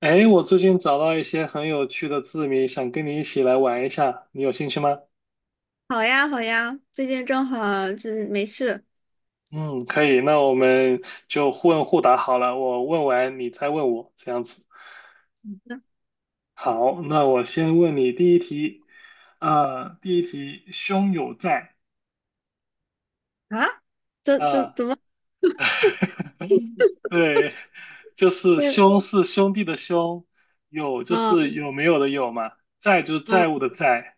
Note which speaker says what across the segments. Speaker 1: 哎，我最近找到一些很有趣的字谜，想跟你一起来玩一下，你有兴趣吗？
Speaker 2: 好呀，好呀，最近正好就是没事
Speaker 1: 嗯，可以，那我们就互问互答好了，我问完你再问我，这样子。好，那我先问你第一题，第一题，兄有债，
Speaker 2: 啊，怎怎
Speaker 1: 啊
Speaker 2: 怎么
Speaker 1: 对，就是
Speaker 2: 会？
Speaker 1: 兄是兄弟的兄，有就
Speaker 2: 嗯
Speaker 1: 是有没有的有嘛，债就是
Speaker 2: 嗯，
Speaker 1: 债务的债，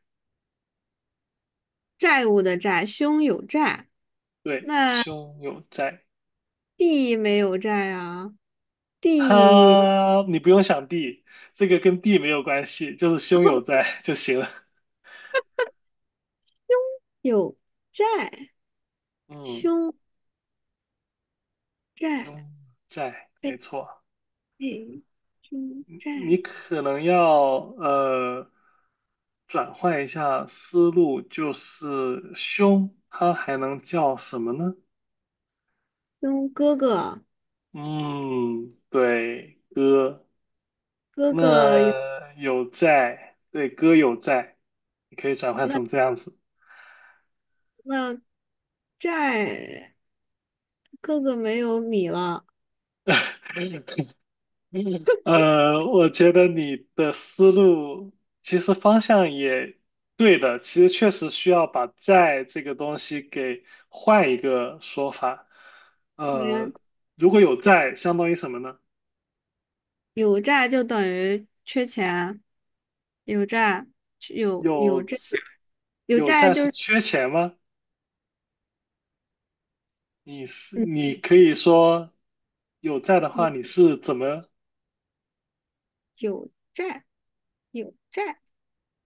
Speaker 2: 债务的债，兄有债，
Speaker 1: 对，
Speaker 2: 那
Speaker 1: 兄有债。
Speaker 2: 弟没有债啊，弟
Speaker 1: 哈，你不用想地，这个跟地没有关系，就是胸有在就行了。
Speaker 2: 有债，
Speaker 1: 嗯，
Speaker 2: 兄债，
Speaker 1: 胸在，没
Speaker 2: 背
Speaker 1: 错。
Speaker 2: 背，兄
Speaker 1: 你
Speaker 2: 债，
Speaker 1: 可能要呃转换一下思路，就是胸它还能叫什么呢？
Speaker 2: 兄哥哥，
Speaker 1: 嗯，对，
Speaker 2: 哥哥有
Speaker 1: 那有在，对，歌有在，你可以转换
Speaker 2: 那
Speaker 1: 成这样子。
Speaker 2: 那债，哥哥没有米了，
Speaker 1: 嗯，我觉得你的思路其实方向也对的，其实确实需要把债这个东西给换一个说法。呃，如果有债，相当于什么呢？
Speaker 2: 有债就等于缺钱，有债有有债，
Speaker 1: 有
Speaker 2: 有
Speaker 1: 有
Speaker 2: 债
Speaker 1: 债
Speaker 2: 就
Speaker 1: 是
Speaker 2: 是
Speaker 1: 缺钱吗？你是
Speaker 2: 嗯，
Speaker 1: 你可以说有债的话，你
Speaker 2: 有
Speaker 1: 是怎么？
Speaker 2: 有有债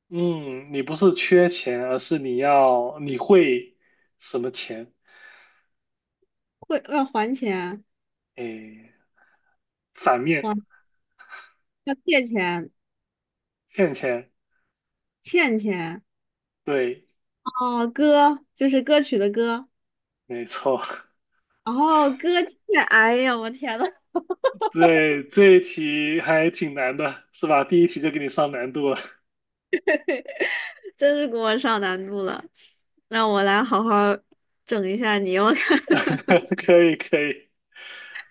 Speaker 1: 嗯，你不是缺钱，而是你会什么钱？
Speaker 2: 会要还钱，
Speaker 1: 诶，反面
Speaker 2: 还要借钱，
Speaker 1: 欠钱。
Speaker 2: 欠钱。
Speaker 1: 对，
Speaker 2: 哦，歌就是歌曲的歌，
Speaker 1: 没错。
Speaker 2: 哦后歌欠，哎呀我天呐，
Speaker 1: 对，这一题还挺难的，是吧？第一题就给你上难度了。
Speaker 2: 真是给我上难度了，让我来好好整一下你，我看。
Speaker 1: 可以，可以。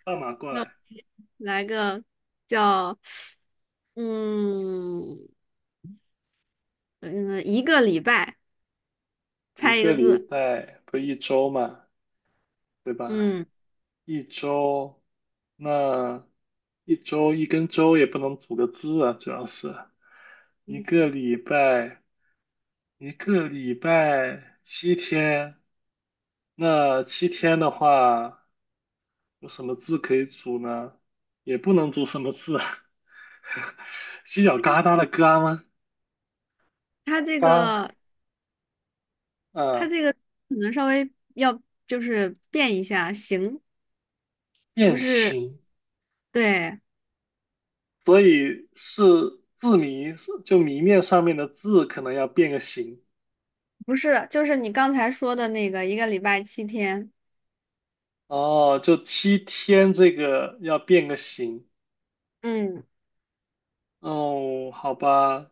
Speaker 1: 放马 过
Speaker 2: 那我
Speaker 1: 来，
Speaker 2: 来个叫嗯嗯一个礼拜。
Speaker 1: 一
Speaker 2: 猜一
Speaker 1: 个
Speaker 2: 个
Speaker 1: 礼
Speaker 2: 字。
Speaker 1: 拜不一周嘛，对吧？
Speaker 2: 嗯，
Speaker 1: 一周，那一周一根周也不能组个字啊，主要是一个礼拜，一个礼拜七天，那七天的话，有什么字可以组呢？也不能组什么字啊 犄角旮旯的旮吗？
Speaker 2: 它这
Speaker 1: 八，
Speaker 2: 个，它
Speaker 1: 嗯，
Speaker 2: 这个可能稍微要就是变一下形，
Speaker 1: 变
Speaker 2: 不是，
Speaker 1: 形，
Speaker 2: 对，
Speaker 1: 所以是字谜，就谜面上面的字可能要变个形。
Speaker 2: 不是，就是你刚才说的那个一个礼拜七天，
Speaker 1: 哦，就七天这个要变个形。
Speaker 2: 嗯，
Speaker 1: 哦，好吧，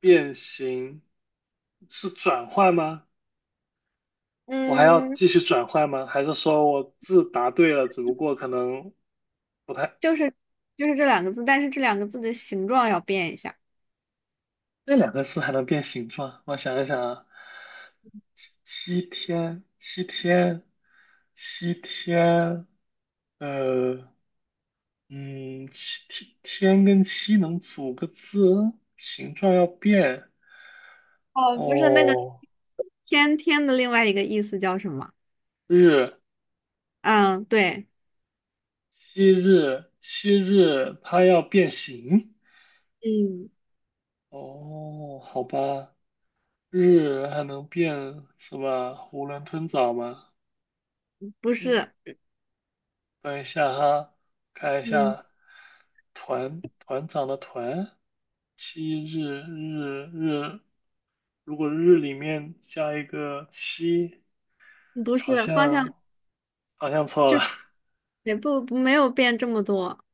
Speaker 1: 变形是转换吗？我还要
Speaker 2: 嗯，
Speaker 1: 继续转换吗？还是说我字答对了，只不过可能不太
Speaker 2: 就是就是这两个字，但是这两个字的形状要变一下。
Speaker 1: 那两个字还能变形状？我想一想啊，七天，七天，七天，呃，嗯，七天天跟七能组个字，形状要变
Speaker 2: 哦，不是那个
Speaker 1: 哦。
Speaker 2: 天天的另外一个意思叫什么？
Speaker 1: 日，
Speaker 2: 嗯，对，
Speaker 1: 七日，七日，它要变形
Speaker 2: 嗯，
Speaker 1: 哦。好吧，日还能变是吧？囫囵吞枣吗？
Speaker 2: 不是，
Speaker 1: 等一下哈，看一
Speaker 2: 嗯，
Speaker 1: 下团团长的团，七日日日，如果日里面加一个七，
Speaker 2: 不
Speaker 1: 好
Speaker 2: 是，方向
Speaker 1: 像好像错了。
Speaker 2: 也不没有变这么多。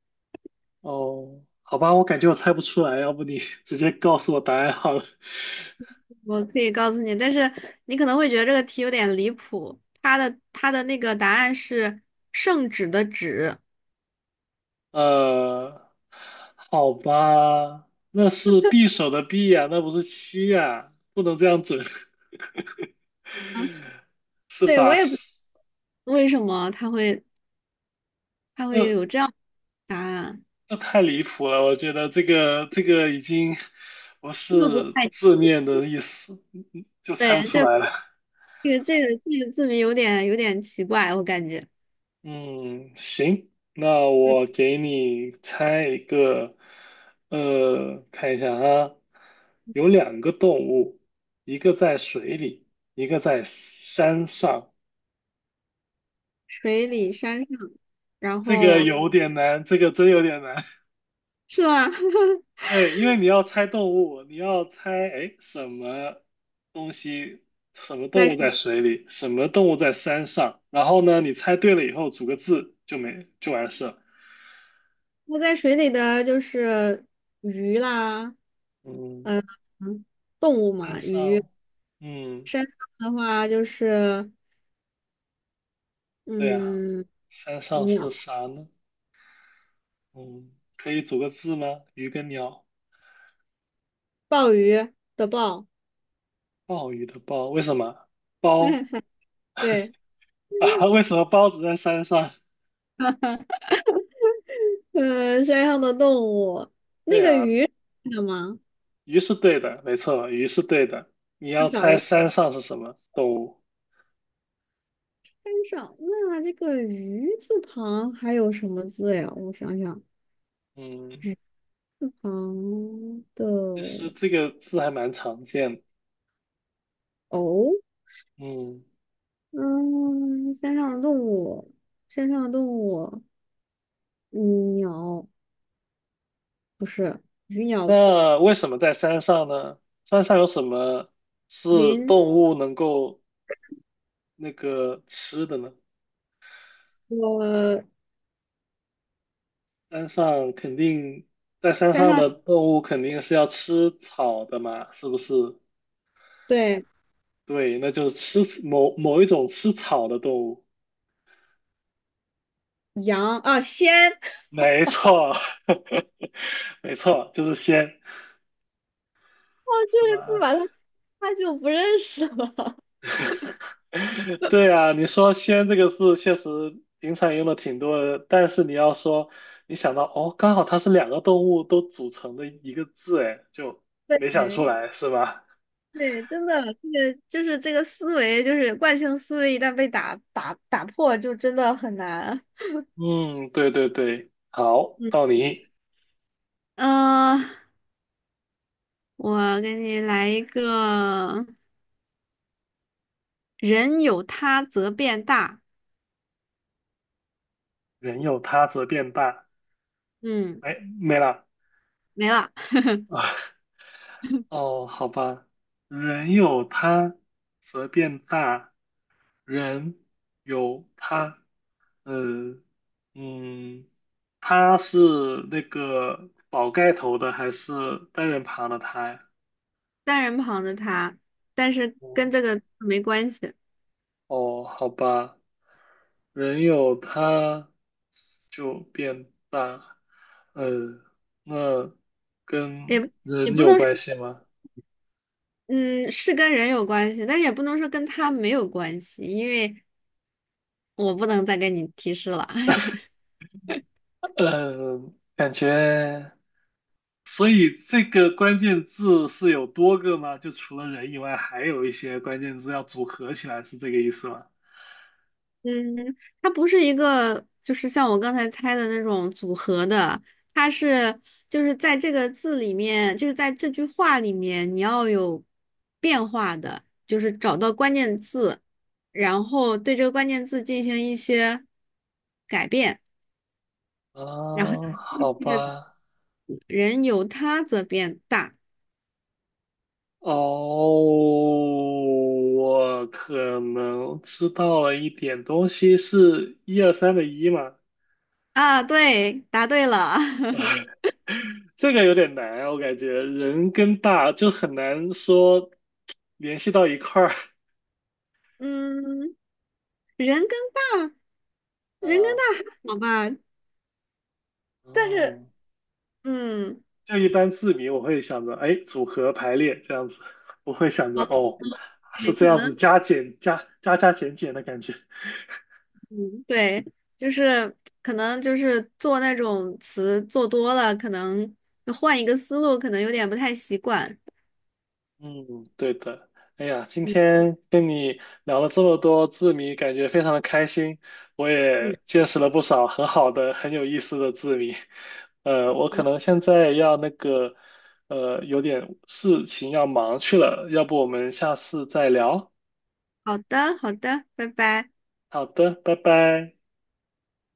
Speaker 1: 哦，好吧，我感觉我猜不出来，要不你直接告诉我答案好了。
Speaker 2: 我可以告诉你，但是你可能会觉得这个题有点离谱。它的那个答案是圣旨的旨。
Speaker 1: 呃，好吧，那是匕首的匕呀、那不是七呀、不能这样整，
Speaker 2: 嗯，
Speaker 1: 是
Speaker 2: 对，我
Speaker 1: 吧？
Speaker 2: 也不
Speaker 1: 是，
Speaker 2: 为什么它会，它会
Speaker 1: 那
Speaker 2: 有这样的答案，
Speaker 1: 这太离谱了，我觉得这个已经不
Speaker 2: 这个不
Speaker 1: 是
Speaker 2: 太
Speaker 1: 字面的意思，就猜
Speaker 2: 对，
Speaker 1: 不出
Speaker 2: 这
Speaker 1: 来了。
Speaker 2: 这个这个这个字谜有点有点奇怪，我感觉。
Speaker 1: 嗯，行，那
Speaker 2: 嗯，
Speaker 1: 我给你猜一个，呃，看一下啊，有两个动物，一个在水里，一个在山上。
Speaker 2: 水里山上，然
Speaker 1: 这个
Speaker 2: 后
Speaker 1: 有点难，这个真有点难。
Speaker 2: 是啊，
Speaker 1: 对，因为你要猜动物，你要猜，哎，什么东西，什么动
Speaker 2: 在
Speaker 1: 物在
Speaker 2: 水
Speaker 1: 水里，什么动物在山上，然后呢，你猜对了以后组个字就没就完事了
Speaker 2: 那在水里的就是鱼啦，
Speaker 1: 嗯，
Speaker 2: 呃，嗯，动物
Speaker 1: 山
Speaker 2: 嘛，鱼
Speaker 1: 上，嗯，
Speaker 2: 的话就是
Speaker 1: 对啊，
Speaker 2: 嗯。
Speaker 1: 山上
Speaker 2: 鸟，
Speaker 1: 是啥呢？嗯，可以组个字吗？鱼跟鸟，
Speaker 2: 鲍鱼的鲍，
Speaker 1: 鲍鱼的鲍，为什么？包
Speaker 2: 对，
Speaker 1: 啊？为什么包子在山上？
Speaker 2: 山上的动物，那
Speaker 1: 对
Speaker 2: 个
Speaker 1: 啊，
Speaker 2: 鱼的吗？
Speaker 1: 鱼是对的，没错，鱼是对的。你要
Speaker 2: 找
Speaker 1: 猜
Speaker 2: 一个
Speaker 1: 山上是什么动物？
Speaker 2: 山上，那这个鱼字旁还有什么字呀？我想想，
Speaker 1: 嗯，
Speaker 2: 鱼字旁的
Speaker 1: 其实这个字还蛮常见的。
Speaker 2: 哦，
Speaker 1: 嗯，
Speaker 2: 嗯，山上的动物，山上的动物，嗯，鸟不是，鱼鸟
Speaker 1: 那为什么在山上呢？山上有什么是
Speaker 2: 云，
Speaker 1: 动物能够那个吃的呢？
Speaker 2: 我
Speaker 1: 山上肯定，在山
Speaker 2: 山
Speaker 1: 上
Speaker 2: 上
Speaker 1: 的动物肯定是要吃草的嘛，是不是？
Speaker 2: 对，
Speaker 1: 对，那就是吃某某一种吃草的动物。
Speaker 2: 羊啊，仙，
Speaker 1: 没错，没错，就是仙，
Speaker 2: 哦，
Speaker 1: 是
Speaker 2: 这个字
Speaker 1: 吧？
Speaker 2: 吧，他他就不认识了。
Speaker 1: 对啊，你说“仙”这个字确实平常用的挺多的，但是你要说你想到哦，刚好它是两个动物都组成的一个字，哎，就没想出
Speaker 2: 对
Speaker 1: 来是吧？
Speaker 2: 对，真的，这个就是这个思维，就是惯性思维，一旦被打破，就真的很难。
Speaker 1: 嗯，对对对，好，
Speaker 2: 嗯，
Speaker 1: 到你，
Speaker 2: 呃，我给你来一个，人有他则变大，
Speaker 1: 人有他则变大，
Speaker 2: 嗯，
Speaker 1: 哎，没了。
Speaker 2: 没了，
Speaker 1: 哦，好吧，人有他则变大，人有他嗯嗯，他是那个宝盖头的还是单人旁的他呀？
Speaker 2: 单人旁的他，但是
Speaker 1: 哦，
Speaker 2: 跟这个没关系，
Speaker 1: 哦，好吧，人有他就变大，呃，那跟
Speaker 2: 也也
Speaker 1: 人
Speaker 2: 不
Speaker 1: 有
Speaker 2: 能说
Speaker 1: 关系吗？
Speaker 2: 嗯，是跟人有关系，但是也不能说跟他没有关系，因为我不能再给你提示了。
Speaker 1: 嗯，感觉，所以这个关键字是有多个吗？就除了人以外，还有一些关键字要组合起来，是这个意思吗？
Speaker 2: 嗯，它不是一个，就是像我刚才猜的那种组合的，它是就是在这个字里面，就是在这句话里面，你要有变化的，就是找到关键字，然后对这个关键字进行一些改变，然后
Speaker 1: 啊，好
Speaker 2: 这个
Speaker 1: 吧，
Speaker 2: 人由他则变大
Speaker 1: 哦，我可能知道了一点东西，是一二三的一吗？
Speaker 2: 啊，对，答对了，
Speaker 1: 这个有点难啊，我感觉人跟大就很难说联系到一块儿
Speaker 2: 嗯，人跟大，人跟
Speaker 1: 啊。
Speaker 2: 大还好吧，但是
Speaker 1: 哦，
Speaker 2: 嗯。
Speaker 1: 就一般字谜我会想着，哎，组合排列这样子，不会想着哦，是
Speaker 2: OK，
Speaker 1: 这
Speaker 2: 可
Speaker 1: 样子
Speaker 2: 能
Speaker 1: 加减加加加减减的感觉。
Speaker 2: 嗯，对，就是可能就是做那种词做多了，可能换一个思路，可能有点不太习惯。
Speaker 1: 嗯，对的。哎呀，今
Speaker 2: 嗯
Speaker 1: 天跟你聊了这么多字谜，感觉非常的开心。我
Speaker 2: 嗯，
Speaker 1: 也见识了不少很好的、很有意思的字谜。呃，我可能
Speaker 2: 我
Speaker 1: 现在要那个，呃，有点事情要忙去了，要不我们下次再聊？
Speaker 2: 好的好的，拜拜。
Speaker 1: 好的，拜拜。